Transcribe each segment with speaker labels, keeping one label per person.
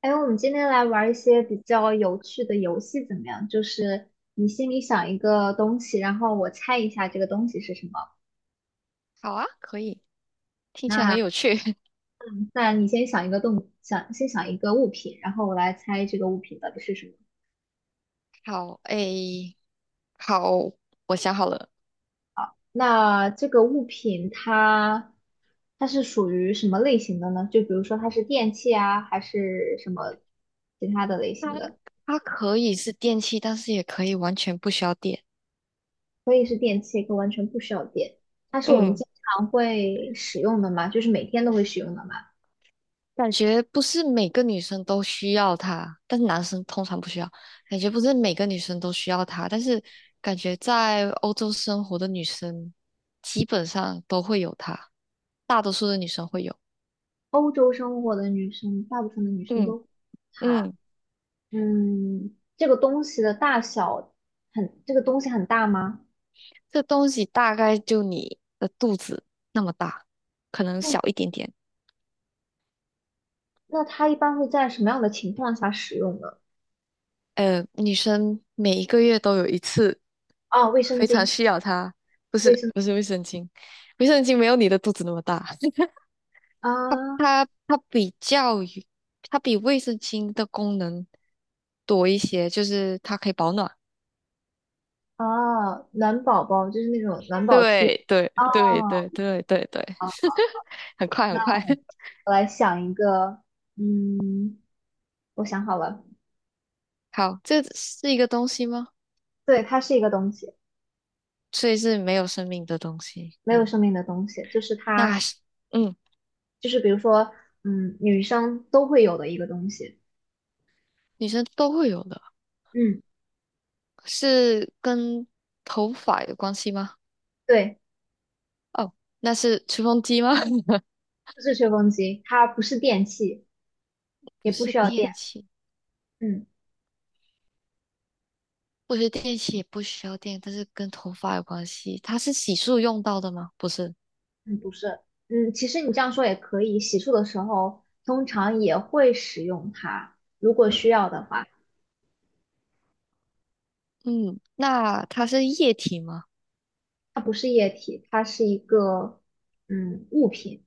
Speaker 1: 哎，我们今天来玩一些比较有趣的游戏，怎么样？就是你心里想一个东西，然后我猜一下这个东西是什么。
Speaker 2: 好啊，可以，听起来很
Speaker 1: 那
Speaker 2: 有趣。
Speaker 1: 那你先想一个动，想先想一个物品，然后我来猜这个物品到底是什么。
Speaker 2: 好，诶，好，我想好了，
Speaker 1: 那这个物品它是属于什么类型的呢？就比如说它是电器啊，还是什么其他的类
Speaker 2: 它
Speaker 1: 型的？
Speaker 2: 它可以是电器，但是也可以完全不需要电。
Speaker 1: 可以是电器，可以完全不需要电。它是我们
Speaker 2: 嗯，
Speaker 1: 经常会使用的嘛，就是每天都会使用的嘛。
Speaker 2: 感觉不是每个女生都需要它，但是男生通常不需要。感觉不是每个女生都需要它，但是感觉在欧洲生活的女生基本上都会有它，大多数的女生会有。
Speaker 1: 欧洲生活的女生，大部分的女生
Speaker 2: 嗯
Speaker 1: 都她，
Speaker 2: 嗯，
Speaker 1: 嗯，这个东西的大小很，这个东西很大吗？
Speaker 2: 这东西大概就你的肚子那么大，可能小一点点。
Speaker 1: 那它一般会在什么样的情况下使用呢？
Speaker 2: 女生每一个月都有一次
Speaker 1: 啊，卫生
Speaker 2: 非常
Speaker 1: 巾，
Speaker 2: 需要它，不
Speaker 1: 卫
Speaker 2: 是
Speaker 1: 生
Speaker 2: 不是卫生巾，卫生巾没有你的肚子那么大。它
Speaker 1: 啊
Speaker 2: 它它比较于它比卫生巾的功能多一些，就是它可以保暖。
Speaker 1: 啊，暖宝宝就是那种暖宝贴。
Speaker 2: 对对
Speaker 1: 哦，
Speaker 2: 对对对对对，很快很
Speaker 1: 那
Speaker 2: 快。
Speaker 1: 我来想一个，嗯，我想好了，
Speaker 2: 好，这是一个东西吗？
Speaker 1: 对，它是一个东西，
Speaker 2: 所以是没有生命的东西。
Speaker 1: 没有生命的东西，就是它，
Speaker 2: 那是嗯，
Speaker 1: 就是比如说，嗯，女生都会有的一个东西。
Speaker 2: 女生都会有的，
Speaker 1: 嗯，
Speaker 2: 是跟头发有关系吗？
Speaker 1: 对。
Speaker 2: 哦，那是吹风机吗？
Speaker 1: 是吹风机，它不是电器，
Speaker 2: 不
Speaker 1: 也不
Speaker 2: 是
Speaker 1: 需要电。
Speaker 2: 电器，
Speaker 1: 嗯
Speaker 2: 我觉得电器也不需要电，但是跟头发有关系。它是洗漱用到的吗？不是。
Speaker 1: 嗯，不是，其实你这样说也可以，洗漱的时候通常也会使用它，如果需要的话。
Speaker 2: 嗯，那它是液体吗？
Speaker 1: 它不是液体，它是一个物品，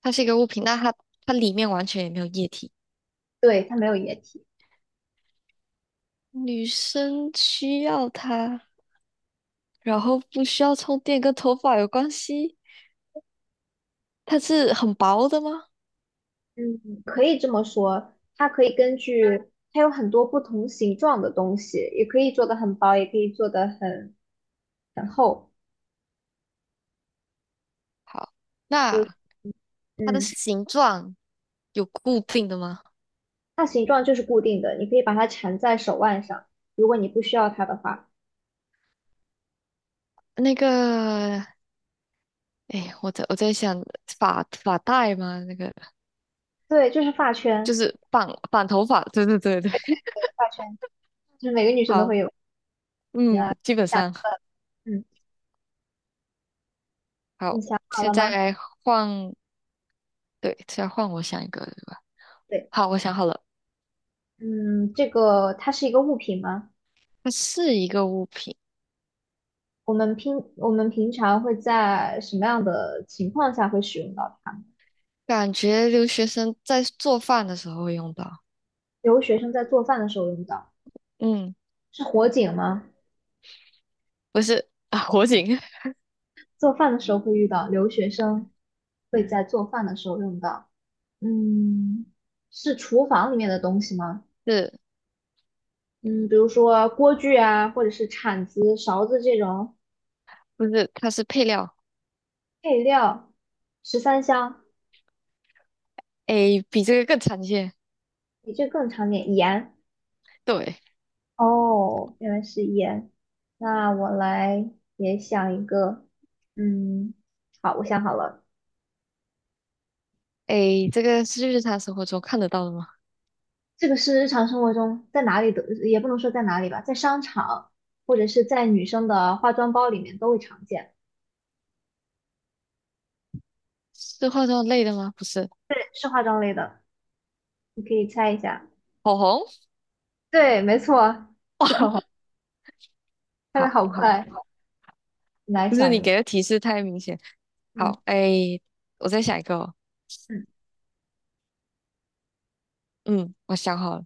Speaker 2: 它是一个物品，那它它里面完全也没有液体。
Speaker 1: 对，它没有液体。
Speaker 2: 女生需要它，然后不需要充电，跟头发有关系。它是很薄的吗？
Speaker 1: 嗯，可以这么说，它可以根据它有很多不同形状的东西，也可以做的很薄，也可以做的很厚。
Speaker 2: 好，
Speaker 1: 就
Speaker 2: 那它的
Speaker 1: 嗯。
Speaker 2: 形状有固定的吗？
Speaker 1: 它形状就是固定的，你可以把它缠在手腕上，如果你不需要它的话。
Speaker 2: 那个，哎，我在想发发带吗？那个。
Speaker 1: 对，就是发圈，
Speaker 2: 就是绑绑头发，对对对对，
Speaker 1: 发圈就是每个女生都会
Speaker 2: 好，
Speaker 1: 有。
Speaker 2: 嗯，基本
Speaker 1: 想，
Speaker 2: 上
Speaker 1: 嗯，你
Speaker 2: 好，
Speaker 1: 想好
Speaker 2: 现
Speaker 1: 了吗？
Speaker 2: 在换，对，现在换我想一个，对吧？
Speaker 1: 对，
Speaker 2: 好，我想好了，
Speaker 1: 嗯，这个它是一个物品吗？
Speaker 2: 它是一个物品，
Speaker 1: 我们平常会在什么样的情况下会使用到它？
Speaker 2: 感觉留学生在做饭的时候会用到。
Speaker 1: 留学生在做饭的时候用到，
Speaker 2: 嗯，
Speaker 1: 是火警吗？
Speaker 2: 不是啊，火警。
Speaker 1: 做饭的时候会遇到，留学生会在做饭的时候用到。嗯，是厨房里面的东西吗？
Speaker 2: 是
Speaker 1: 嗯，比如说锅具啊，或者是铲子、勺子这种
Speaker 2: 不是？它是配料，
Speaker 1: 配料，十三香，
Speaker 2: 诶，比这个更常见。
Speaker 1: 比这更常见。盐，
Speaker 2: 对，
Speaker 1: 哦，原来是盐。那我来也想一个，嗯，好，我想好了，
Speaker 2: 诶，这个是日常生活中看得到的吗？
Speaker 1: 这个是日常生活中在哪里都，也不能说在哪里吧，在商场或者是在女生的化妆包里面都会常见，
Speaker 2: 是化妆类的吗？不是，
Speaker 1: 对是化妆类的，你可以猜一下。
Speaker 2: 口红。
Speaker 1: 对，没错，
Speaker 2: 哇，
Speaker 1: 猜的
Speaker 2: 好，
Speaker 1: 好
Speaker 2: 很好，
Speaker 1: 快，你来
Speaker 2: 不是
Speaker 1: 想
Speaker 2: 你
Speaker 1: 一个，
Speaker 2: 给的提示太明显。
Speaker 1: 嗯。
Speaker 2: 好，哎，我再想一个哦。
Speaker 1: 嗯。
Speaker 2: 嗯，我想好了，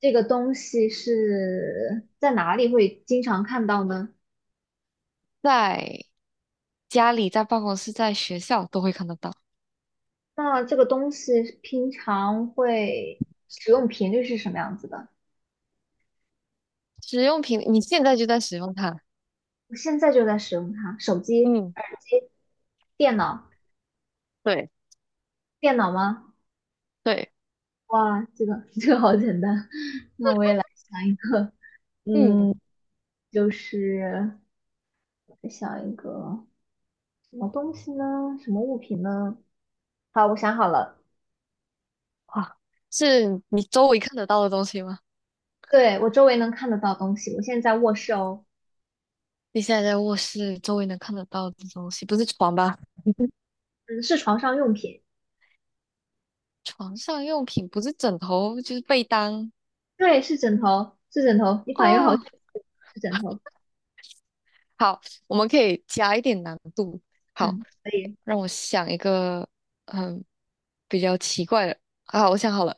Speaker 1: 这个东西是在哪里会经常看到呢？
Speaker 2: 在家里、在办公室、在学校都会看得到
Speaker 1: 那这个东西平常会使用频率是什么样子的？
Speaker 2: 使用品，你现在就在使用它。
Speaker 1: 我现在就在使用它，手机、
Speaker 2: 嗯，
Speaker 1: 耳机、电脑，
Speaker 2: 对
Speaker 1: 电脑吗？
Speaker 2: 对。
Speaker 1: 哇，这个 这个好简单，想一个，
Speaker 2: 嗯，
Speaker 1: 嗯，就是我想一个什么东西呢？什么物品呢？好，我想好了，
Speaker 2: 哇，是你周围看得到的东西吗？
Speaker 1: 对，我周围能看得到东西，我现在在卧室哦，
Speaker 2: 你现在在卧室，周围能看得到的东西，不是床吧？
Speaker 1: 嗯，是床上用品。
Speaker 2: 床上用品不是枕头就是被单。
Speaker 1: 对，是枕头，是枕头，你反应好
Speaker 2: 哦，
Speaker 1: 像是枕头。
Speaker 2: 好，我们可以加一点难度。好，
Speaker 1: 嗯，可以。
Speaker 2: 让我想一个嗯比较奇怪的。啊，我想好了，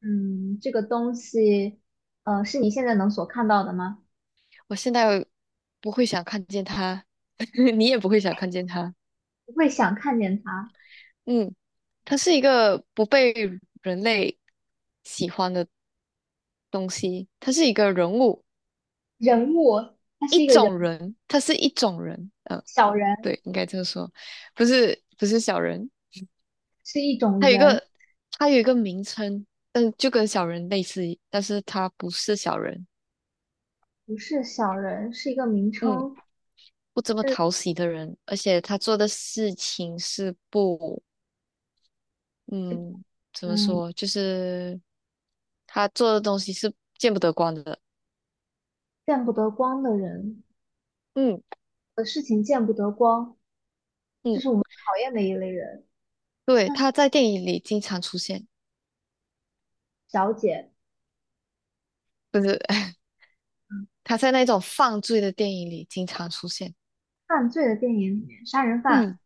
Speaker 1: 嗯，这个东西，是你现在能所看到的吗？
Speaker 2: 我现在不会想看见他。你也不会想看见他。
Speaker 1: 不会想看见它。
Speaker 2: 嗯，他是一个不被人类喜欢的东西，他是一个人物，
Speaker 1: 人物，它
Speaker 2: 一
Speaker 1: 是一个人，
Speaker 2: 种人，他是一种人。嗯，
Speaker 1: 小人
Speaker 2: 对，应该这么说，不是不是小人。
Speaker 1: 是一种
Speaker 2: 他有一
Speaker 1: 人，
Speaker 2: 个他有一个名称，嗯，就跟小人类似，但是他不是小人，
Speaker 1: 不是小人，是一个名
Speaker 2: 嗯，
Speaker 1: 称，
Speaker 2: 不这么
Speaker 1: 是
Speaker 2: 讨喜的人，而且他做的事情是不，嗯，怎么
Speaker 1: 嗯，
Speaker 2: 说，就是他做的东西是见不得光的。
Speaker 1: 见不得光的人，
Speaker 2: 嗯
Speaker 1: 事情见不得光，
Speaker 2: 嗯，
Speaker 1: 讨厌的一类人，
Speaker 2: 对，他在电影里经常出现，
Speaker 1: 小姐，
Speaker 2: 不是。他在那种犯罪的电影里经常出现，
Speaker 1: 犯罪的电影里面，杀人犯。
Speaker 2: 嗯，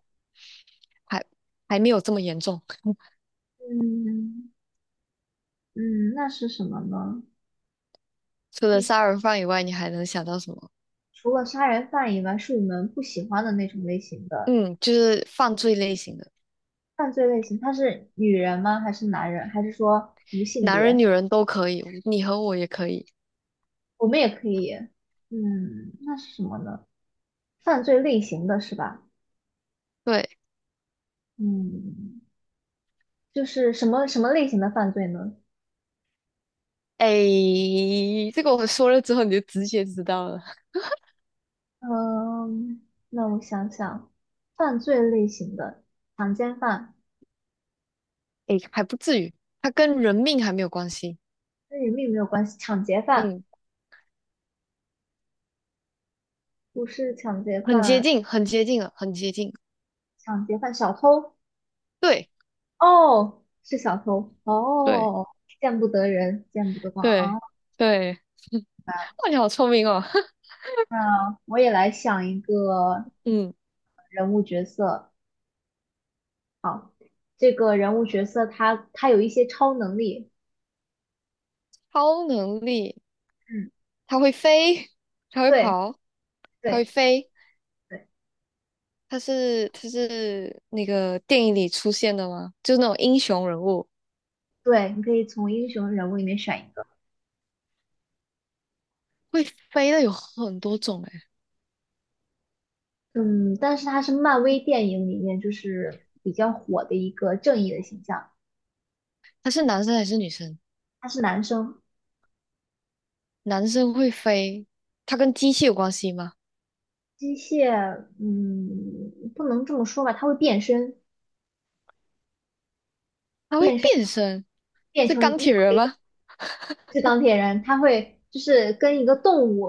Speaker 2: 还还没有这么严重。
Speaker 1: 嗯嗯，那是什么呢？
Speaker 2: 除了
Speaker 1: 嗯
Speaker 2: 杀人犯以外，你还能想到什么？
Speaker 1: 除了杀人犯以外，是你们不喜欢的那种类型的
Speaker 2: 嗯，就是犯罪类型的。
Speaker 1: 犯罪类型。他是女人吗？还是男人？还是说无性
Speaker 2: 男人
Speaker 1: 别？
Speaker 2: 女人都可以，你和我也可以。
Speaker 1: 我们也可以，嗯，那是什么呢？犯罪类型的是吧？
Speaker 2: 对，
Speaker 1: 嗯，就是什么什么类型的犯罪呢？
Speaker 2: 哎，这个我说了之后你就直接知道了。
Speaker 1: 嗯，那我想想，犯罪类型的强奸犯
Speaker 2: 哎，还不至于，它跟人命还没有关系。
Speaker 1: 跟人命没有关系，抢劫犯
Speaker 2: 嗯，
Speaker 1: 不是抢劫
Speaker 2: 很接
Speaker 1: 犯，
Speaker 2: 近，很接近了，很接近。
Speaker 1: 抢劫犯小偷
Speaker 2: 对，
Speaker 1: 哦，是小偷
Speaker 2: 对，
Speaker 1: 哦，见不得人，见不得光
Speaker 2: 对，
Speaker 1: 啊。
Speaker 2: 对。哇，你好聪明哦。
Speaker 1: 那我也来想一个
Speaker 2: 嗯，
Speaker 1: 人物角色，这个人物角色他有一些超能力，
Speaker 2: 超能力，
Speaker 1: 嗯，
Speaker 2: 它会飞，它会
Speaker 1: 对
Speaker 2: 跑，它
Speaker 1: 对
Speaker 2: 会飞。
Speaker 1: 对
Speaker 2: 它是那个电影里出现的吗？就是那种英雄人物
Speaker 1: 对，你可以从英雄人物里面选一个，
Speaker 2: 会飞的有很多种诶，
Speaker 1: 嗯，但是他是漫威电影里面就是比较火的一个正义的形象，
Speaker 2: 它是男生还是女生？
Speaker 1: 他是男生，
Speaker 2: 男生会飞，他跟机器有关系吗？
Speaker 1: 机械，嗯，不能这么说吧，他会变身，
Speaker 2: 他会
Speaker 1: 变身
Speaker 2: 变身，
Speaker 1: 变
Speaker 2: 是
Speaker 1: 成。
Speaker 2: 钢铁人吗？
Speaker 1: 是钢铁人，他会就是跟一个动物，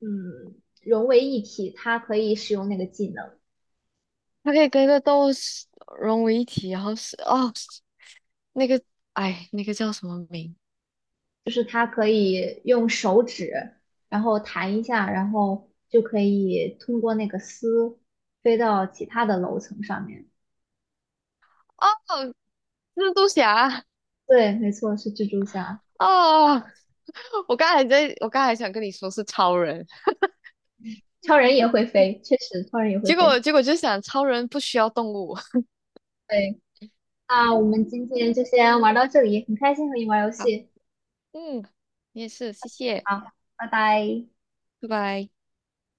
Speaker 1: 嗯，融为一体，他可以使用那个技能，
Speaker 2: 他可以跟一个动物是融为一体，然后是哦，那个哎，那个叫什么名？
Speaker 1: 就是他可以用手指，然后弹一下，然后就可以通过那个丝飞到其他的楼层上面。
Speaker 2: 哦，蜘蛛侠。
Speaker 1: 对，没错，是蜘蛛侠。
Speaker 2: 哦，我刚才在，我刚才想跟你说是超人，
Speaker 1: 超人也会飞，确实，超人也会
Speaker 2: 结果
Speaker 1: 飞。
Speaker 2: 结果就想超人不需要动物。
Speaker 1: 对，那我们今天就先玩到这里，很开心和你玩游
Speaker 2: 好，
Speaker 1: 戏。
Speaker 2: 嗯，你也是，谢谢，
Speaker 1: 好，拜拜。
Speaker 2: 拜拜。